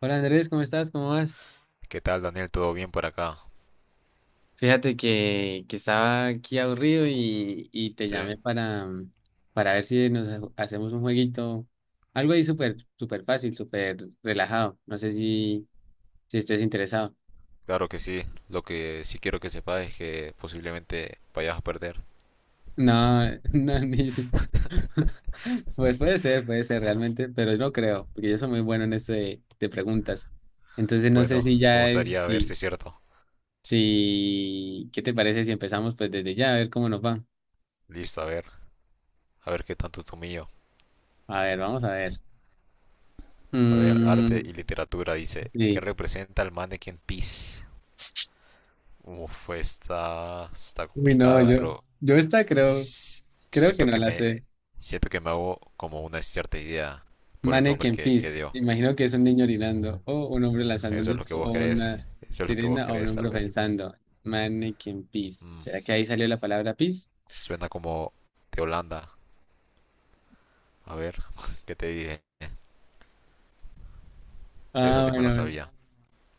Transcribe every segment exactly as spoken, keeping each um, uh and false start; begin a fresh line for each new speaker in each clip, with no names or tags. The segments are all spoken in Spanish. Hola Andrés, ¿cómo estás? ¿Cómo vas?
¿Qué tal, Daniel? ¿Todo bien por acá?
Fíjate que, que estaba aquí aburrido y, y te
Sí,
llamé para, para ver si nos ha- hacemos un jueguito, algo ahí súper súper fácil, súper relajado. No sé si, si estés interesado.
claro que sí. Lo que sí quiero que sepas es que posiblemente vayas a perder.
No, no, ni... si- Pues puede ser, puede ser realmente, pero no creo, porque yo soy muy bueno en esto de, de preguntas. Entonces no sé
Bueno,
si
me
ya,
gustaría ver si
si,
es cierto.
si, ¿qué te parece si empezamos pues desde ya a ver cómo nos va?
Listo, a ver. A ver qué tanto tú mío.
A ver, vamos a ver.
A ver, arte
Mm,
y literatura dice, ¿qué
sí.
representa el Mannequin Peace? Uf, está, está
Uy, no,
complicada,
yo,
pero
yo esta creo,
s-
creo que
siento
no
que
la
me,
sé.
siento que me hago como una cierta idea por el nombre
Mannequin
que, que
Peace.
dio.
Imagino que es un niño orinando, o un hombre lanzando un
Eso es lo que
disco,
vos
o
crees.
una
Eso es lo que vos
sirena, o un
crees, tal
hombre
vez.
pensando. Mannequin Peace.
Mm,
¿Será que ahí salió la palabra peace?
Suena como de Holanda. A ver, ¿qué te dije? Esa
Ah,
sí me la
bueno,
sabía.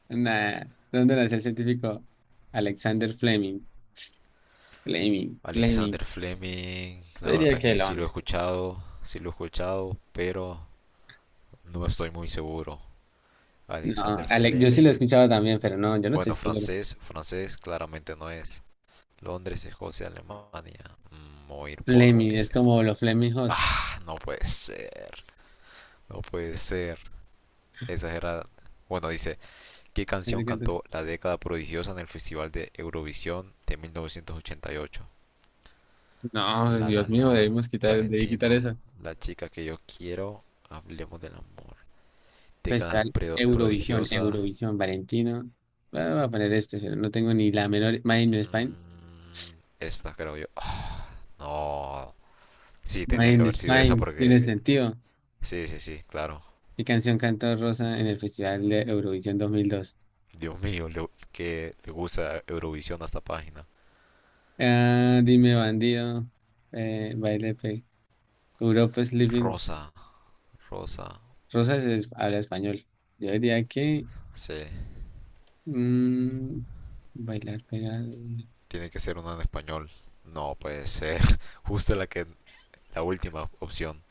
nada. ¿Dónde nació el científico Alexander Fleming? Fleming,
Alexander
Fleming.
Fleming,
Yo
la
diría
verdad
que
que sí lo he
Londres.
escuchado, sí lo he escuchado, pero no estoy muy seguro.
No,
Alexander
Ale- yo sí lo he
Fleming,
escuchado también, pero no, yo no estoy
bueno,
seguro.
francés, francés claramente no es. Londres, Escocia, Alemania. Mm, voy a ir por
Fleming, es
esta.
como los Fleming Hot.
Ah, no puede ser, no puede ser. Esa era, bueno, dice, ¿qué canción cantó La década prodigiosa en el Festival de Eurovisión de mil novecientos ochenta y ocho?
No,
La
Dios
La
mío,
La,
debemos quitar, debí quitar
Valentino,
esa.
La chica que yo quiero, Hablemos del amor. Década
Festival Eurovisión,
prodigiosa.
Eurovisión, Valentino. Ah, voy a poner esto, pero no tengo ni la menor. Mine in Spain.
mm, esta creo yo. Ah, no. Sí, tenía que
Mine in
haber sido esa
Spain, tiene
porque...
sentido.
Sí, sí, sí, claro.
¿Qué canción cantó Rosa en el Festival de Eurovisión dos mil dos?
Dios mío, le- que le gusta Eurovisión a esta página.
Ah, dime, bandido. Eh, baile, pe. Europa is living.
Rosa, Rosa.
Rosa es- habla español. Yo diría que
Sí,
mm, bailar pegado.
tiene que ser una en español. No puede ser. Justo la que La última opción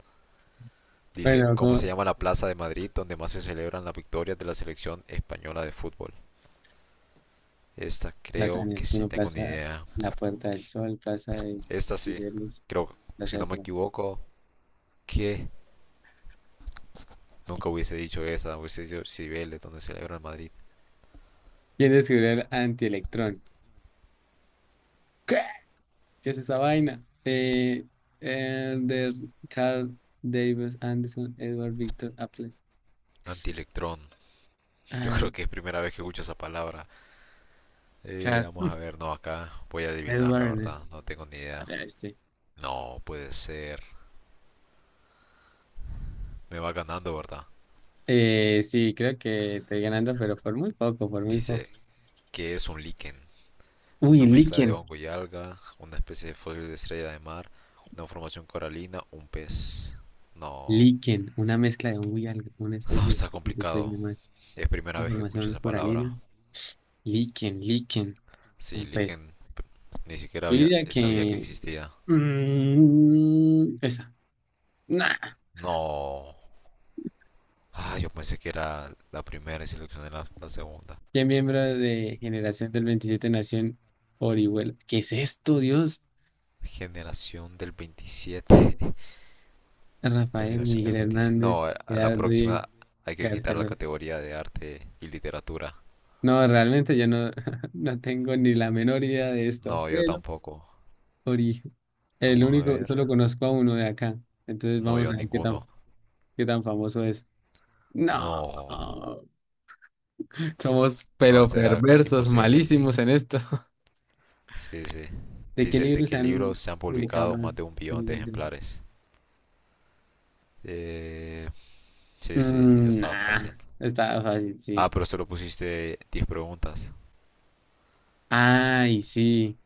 dice,
Bueno,
¿cómo se
no.
llama la plaza de Madrid donde más se celebran las victorias de la selección española de fútbol? Esta
Plaza de
creo que sí
Neptuno,
tengo ni
Plaza
idea.
La Puerta del Sol, Plaza de
Esta sí,
Liberos,
creo, si
Plaza
no
de
me
Colón.
equivoco, que nunca hubiese dicho esa, hubiese dicho Cibeles, donde celebra el Madrid.
¿Quién descubrió el antielectrón? ¿Qué? ¿Qué es esa vaina? Eh, Elder Carl Davis Anderson, Edward Victor Apple,
Antielectrón, yo creo
Al
que es primera vez que escucho esa palabra. Eh,
Carl
vamos a ver, no, acá voy a adivinar,
Edward
la
Ernest.
verdad, no tengo ni idea.
Ahora este.
No, puede ser. Me va ganando, ¿verdad?
Eh, sí, creo que estoy ganando, pero por muy poco, por muy poco.
Dice que es un líquen,
Uy,
una mezcla de
líquen.
hongo y alga, una especie de fósil de estrella de mar, una formación coralina, un pez. No,
Líquen, una mezcla de un y algo, una
no,
especie de de-
está
de- de- de-
complicado.
de- de- de-
Es primera vez que escucho
formación
esa palabra.
coralina. Líquen, líquen,
Sí,
un pez.
Liken ni siquiera
Yo
había-
diría
sabía que
que
existía.
mm, esa. Nah.
No. Ah, yo pensé que era la primera y seleccioné la, la segunda.
¿Qué miembro de Generación del veintisiete nació en Orihuela? ¿Qué es esto, Dios?
Generación del veintisiete,
Rafael
Generación del
Miguel
veintisiete.
Hernández,
No, a la
Gerardo Diego,
próxima hay que
García
quitar la
Lorca.
categoría de arte y literatura.
No, realmente yo no, no tengo ni la menor idea de esto.
No, yo
Pero
tampoco.
Ori, el
Vamos a
único,
ver.
solo conozco a uno de acá. Entonces
No,
vamos
yo
a ver qué
ninguno.
tan, qué tan famoso es. No,
No,
somos
no,
pero
eso era
perversos,
imposible.
malísimos en esto.
Sí, sí.
¿De qué
Dice, ¿de
libros se
qué libros
han
se han
publicado
publicado
más?
más de un billón de ejemplares? Eh, sí, sí, eso
Mm,
estaba fácil.
nah, está fácil,
Ah,
sí.
pero solo pusiste diez preguntas.
Ay, sí.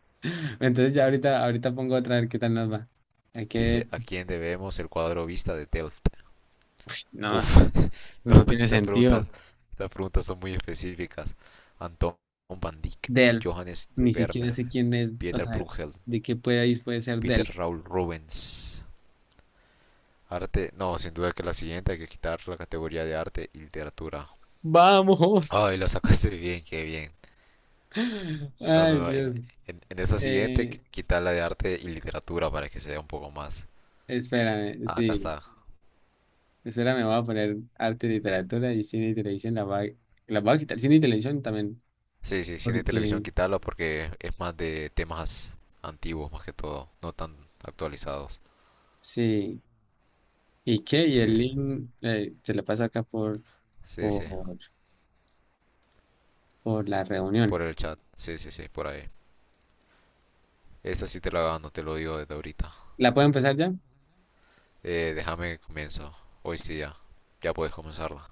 Entonces ya ahorita, ahorita pongo otra a ver qué tal nos va. Hay que...
Dice, ¿a quién debemos el cuadro Vista de Delft?
No,
Uf,
eso
no,
no tiene
estas preguntas,
sentido.
estas preguntas son muy específicas. Anton van Dyck,
Delf.
Johannes de
Ni siquiera
Vermeer,
sé quién es, o
Pieter
sea,
Bruegel,
de qué país puede ser
Peter
Delf.
Raul Rubens. Arte, no, sin duda que la siguiente hay que quitar la categoría de arte y literatura.
¡Vamos!
Ay, lo sacaste bien, qué bien. No, no,
Ay,
no. En,
Dios.
en, en esta siguiente,
Eh,
qu- quita la de arte y literatura para que sea un poco más.
espérame,
Ah, acá
sí.
está.
Espérame, voy a poner arte y literatura y cine y televisión. La va, la voy a quitar. Cine y televisión también.
Sí, sí, cine y televisión,
Porque
quítalo porque es más de temas antiguos, más que todo. No tan actualizados.
sí, ¿y qué? Y el
Sí, sí,
link eh, te lo paso acá por,
sí. Sí,
por, por la reunión.
por el chat. Sí, sí, sí, por ahí. Esa sí te la gano, te lo digo desde ahorita.
¿La puedo empezar ya?
Eh, déjame que comienzo. Hoy sí ya. Ya puedes comenzarla.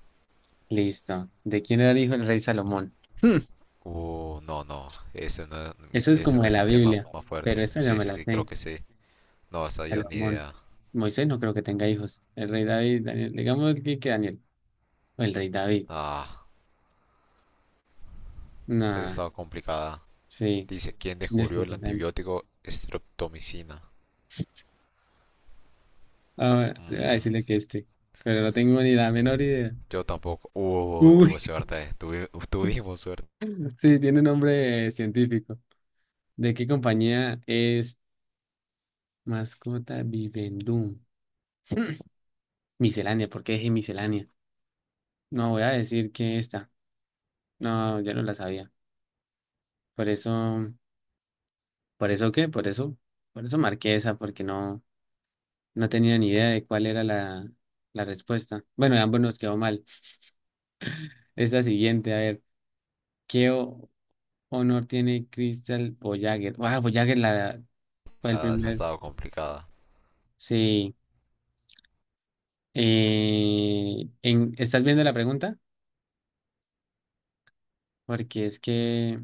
Listo. ¿De quién era el hijo del rey Salomón? Hmm,
Uh, no, no. Ese no es mi,
eso es
ese
como
no
de
es mi
la
tema
Biblia,
más fuerte.
pero esta ya
Sí,
me
sí,
la
sí, creo
sé.
que sí. No, esa yo ni
Salomón.
idea.
Moisés no creo que tenga hijos. El rey David, Daniel. Digamos que, que Daniel. O el rey David.
Ah, esa
Nah,
estaba complicada.
sí.
Dice, ¿quién descubrió el
Disculpen.
antibiótico streptomicina?
Ahora, voy a
Mm,
decirle que este. Pero no tengo ni la menor idea.
yo tampoco. Uh, tuve
Uy,
suerte. Tuvi- tuvimos suerte.
sí, tiene nombre eh, científico. ¿De qué compañía es? Mascota Vivendum. Miscelánea, ¿por qué dije miscelánea? No, voy a decir que esta. No, ya no la sabía. Por eso, ¿por eso qué? Por eso, por eso marqué esa, porque no, no tenía ni idea de cuál era la, la respuesta. Bueno, ambos nos quedó mal. Esta siguiente, a ver, ¿qué o- honor tiene Crystal Voyager? Ah, Voyager la, fue el
Ah, esa
primer.
estaba complicada.
Sí. Eh, en, ¿estás viendo la pregunta? Porque es que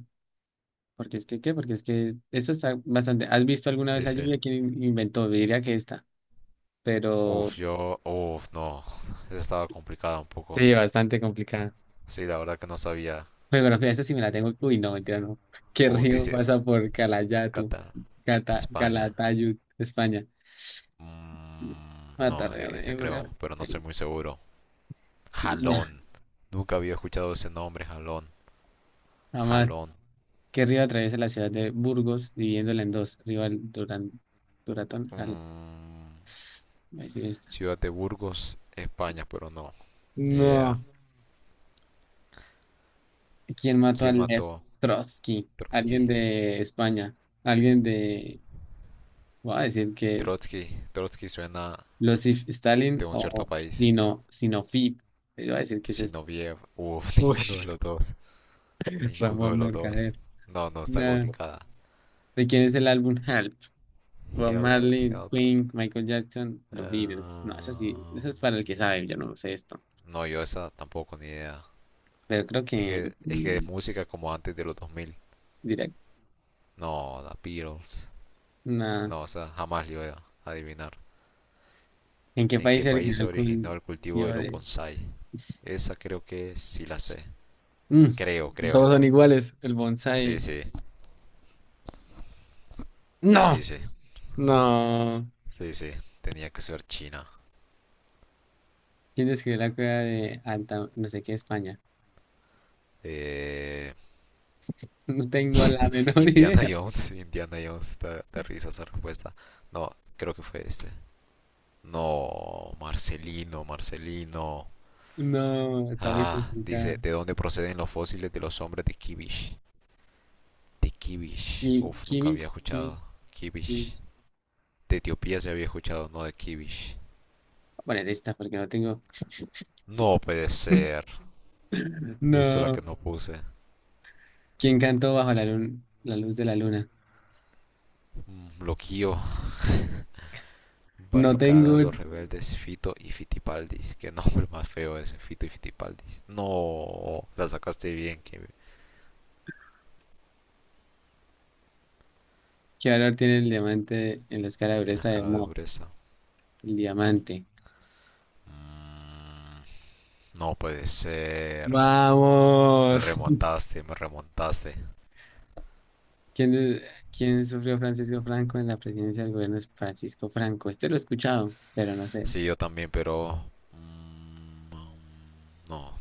Porque es que, ¿qué? Porque es que esta está bastante. ¿Has visto alguna vez
Sí,
la
sí.
lluvia? ¿Quién inventó? Yo diría que esta,
Uf,
pero
yo... Uf, no. Esa estaba complicada un poco.
sí, bastante complicada.
Sí, la verdad que no sabía.
Geografía, esta sí me la tengo. Uy, no, mentira, no. ¿Qué
Uf,
río
dice
pasa por Calayatu,
Qatar,
Cata,
España.
Calatayud, España?
Mm, no,
Matarrea
e-
de
ese
Ebro.
creo, pero no estoy
El-
muy seguro.
nah,
Jalón. Nunca había escuchado ese nombre, jalón.
jamás.
Jalón.
¿Qué río atraviesa la ciudad de Burgos, dividiéndola en dos? Río Al- Duran Duratón, al,
Mm,
ahí sí está.
ciudad de Burgos, España, pero no. Ni idea.
No. ¿Quién mató a
¿Quién
Lev
mató
Trotsky? Alguien
Trotsky?
de España. Alguien de. Voy a decir que.
Trotsky. Trotsky suena
Losif Stalin
de un cierto
o
país.
Sino, Sinofib. Yo voy a decir que ese es.
Sinoviev. Uf,
Uy,
ninguno de los dos. Ninguno de
Ramón
los dos.
Mercader.
No, no, está
No.
complicada.
¿De quién es el álbum Help? Bob
Help,
Marley,
help.
Queen, Michael Jackson, los Beatles. No, eso sí,
Ah,
eso es para el que sabe, yo no sé esto.
no, yo esa tampoco, ni idea.
Pero creo
Es
que
que, es que
mm,
es música como antes de los dos mil.
Direct.
No, The Beatles.
Nah.
No, o sea, jamás le iba a adivinar.
¿En qué
¿En
país
qué
se
país
originó
se
el
originó el cultivo
cultivo
de los
de?
bonsai? Esa creo que sí la sé.
Mm,
Creo,
todos
creo.
son iguales. El
Sí,
bonsai.
sí. Sí,
¡No!
sí.
No,
Sí, sí. Tenía que ser China.
¿quién escribió la cueva de Alta, no sé qué, España?
Eh...
No tengo la menor
Indiana
idea.
Jones. Indiana Jones. Da, da risa esa respuesta. No, creo que fue este. No, Marcelino, Marcelino.
No, está muy
Ah, dice,
complicada.
¿de dónde proceden los fósiles de los hombres de Kibish? De Kibish.
Ki-
Uf, nunca
Kimmich,
había escuchado.
Kimmich,
Kibish.
Kimmich. Voy
De Etiopía se había escuchado, no de Kibish.
a poner esta porque no tengo.
No puede ser. Justo la que
No.
no puse.
¿Quién cantó bajo la luna, la luz de la luna?
Bloqueo.
No
Barricada, los
tengo.
rebeldes, Fito y Fitipaldis. Qué nombre más feo ese, Fito y Fitipaldis. No, la sacaste bien, que
¿Qué valor tiene el diamante en la escala de
me
dureza de
escala de
Mohs?
dureza.
El diamante.
Mm, no puede ser. Me
Vamos.
remontaste, me remontaste.
¿Quién, de- quién sufrió Francisco Franco en la presidencia del gobierno de Francisco Franco? Este lo he escuchado, pero no sé.
Sí, yo también, pero... mm, No,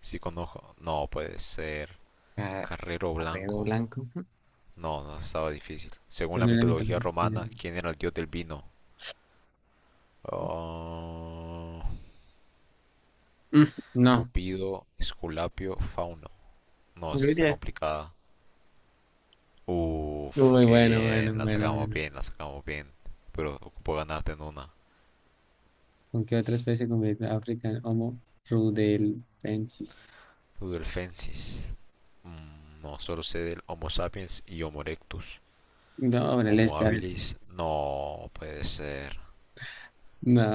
sí conozco. No puede ser.
Ah,
Carrero
arredo
Blanco.
blanco. Ujú.
No, no, estaba difícil. Según la
Tiene la mitad,
mitología romana, ¿quién era el dios del vino? Ah,
mm, no.
Cupido, Esculapio, Fauno. No, esa está
Ruidia.
complicada. Uf,
Uy,
qué
bueno, bueno,
bien, la
bueno,
sacamos
bueno.
bien, la sacamos bien. Pero ocupo ganarte en una.
¿Con qué otra especie convive África? Homo rudelbensis.
Ludelfensis. Mm, no, solo sé del Homo sapiens y Homo erectus.
No, ahora el
Homo
este, a ver.
habilis, no puede ser.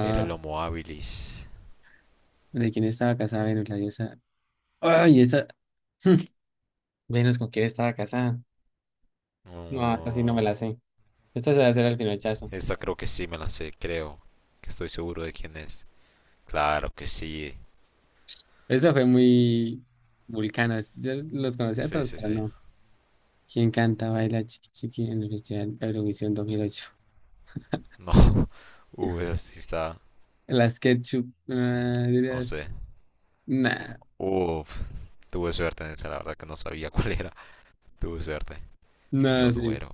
Era el Homo habilis.
¿De quién estaba casada Venus, la diosa? Ay, esa. Venus, ¿con quién estaba casada? No, esta sí no me
No,
la sé. Esta se va a hacer al pinochazo.
esta creo que sí me la sé, creo. Que estoy seguro de quién es. Claro que sí.
Eso fue muy vulcana. Yo los conocía a
Sí,
todos,
sí,
pero
sí.
no. ¿Quién canta, baila, chiqui chiqui en el Festival Eurovisión dos mil ocho?
No. Uh, esa sí está.
Las ketchup.
mm,
Ah,
No
dirías,
sé.
nah,
Uf, tuve suerte en esa, la verdad que no sabía cuál era. Tuve suerte. Río
no, sí.
Duero.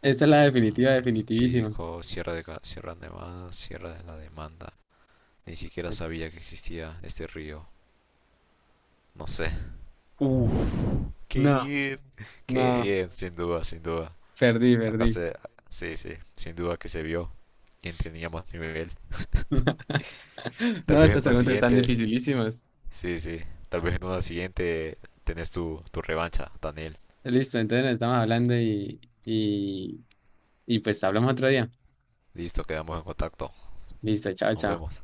Esta es la definitiva,
Mm,
definitivísima.
Pico, Sierra de, Ca- Sierra de Más, Sierra de la Demanda. Ni siquiera sabía que existía este río. No sé. Uf, qué
No,
bien. Qué
no,
bien, sin duda, sin duda.
perdí,
Acá
perdí.
se. Sí, sí, sin duda que se vio quién tenía más nivel. Tal
No,
vez en
estas
una
preguntas están
siguiente
dificilísimas.
Sí, sí. Tal vez en una siguiente tenés tu, tu revancha, Daniel.
Listo, entonces nos estamos hablando y, y, y pues hablamos otro día.
Listo, quedamos en contacto.
Listo, chao,
Nos
chao.
vemos.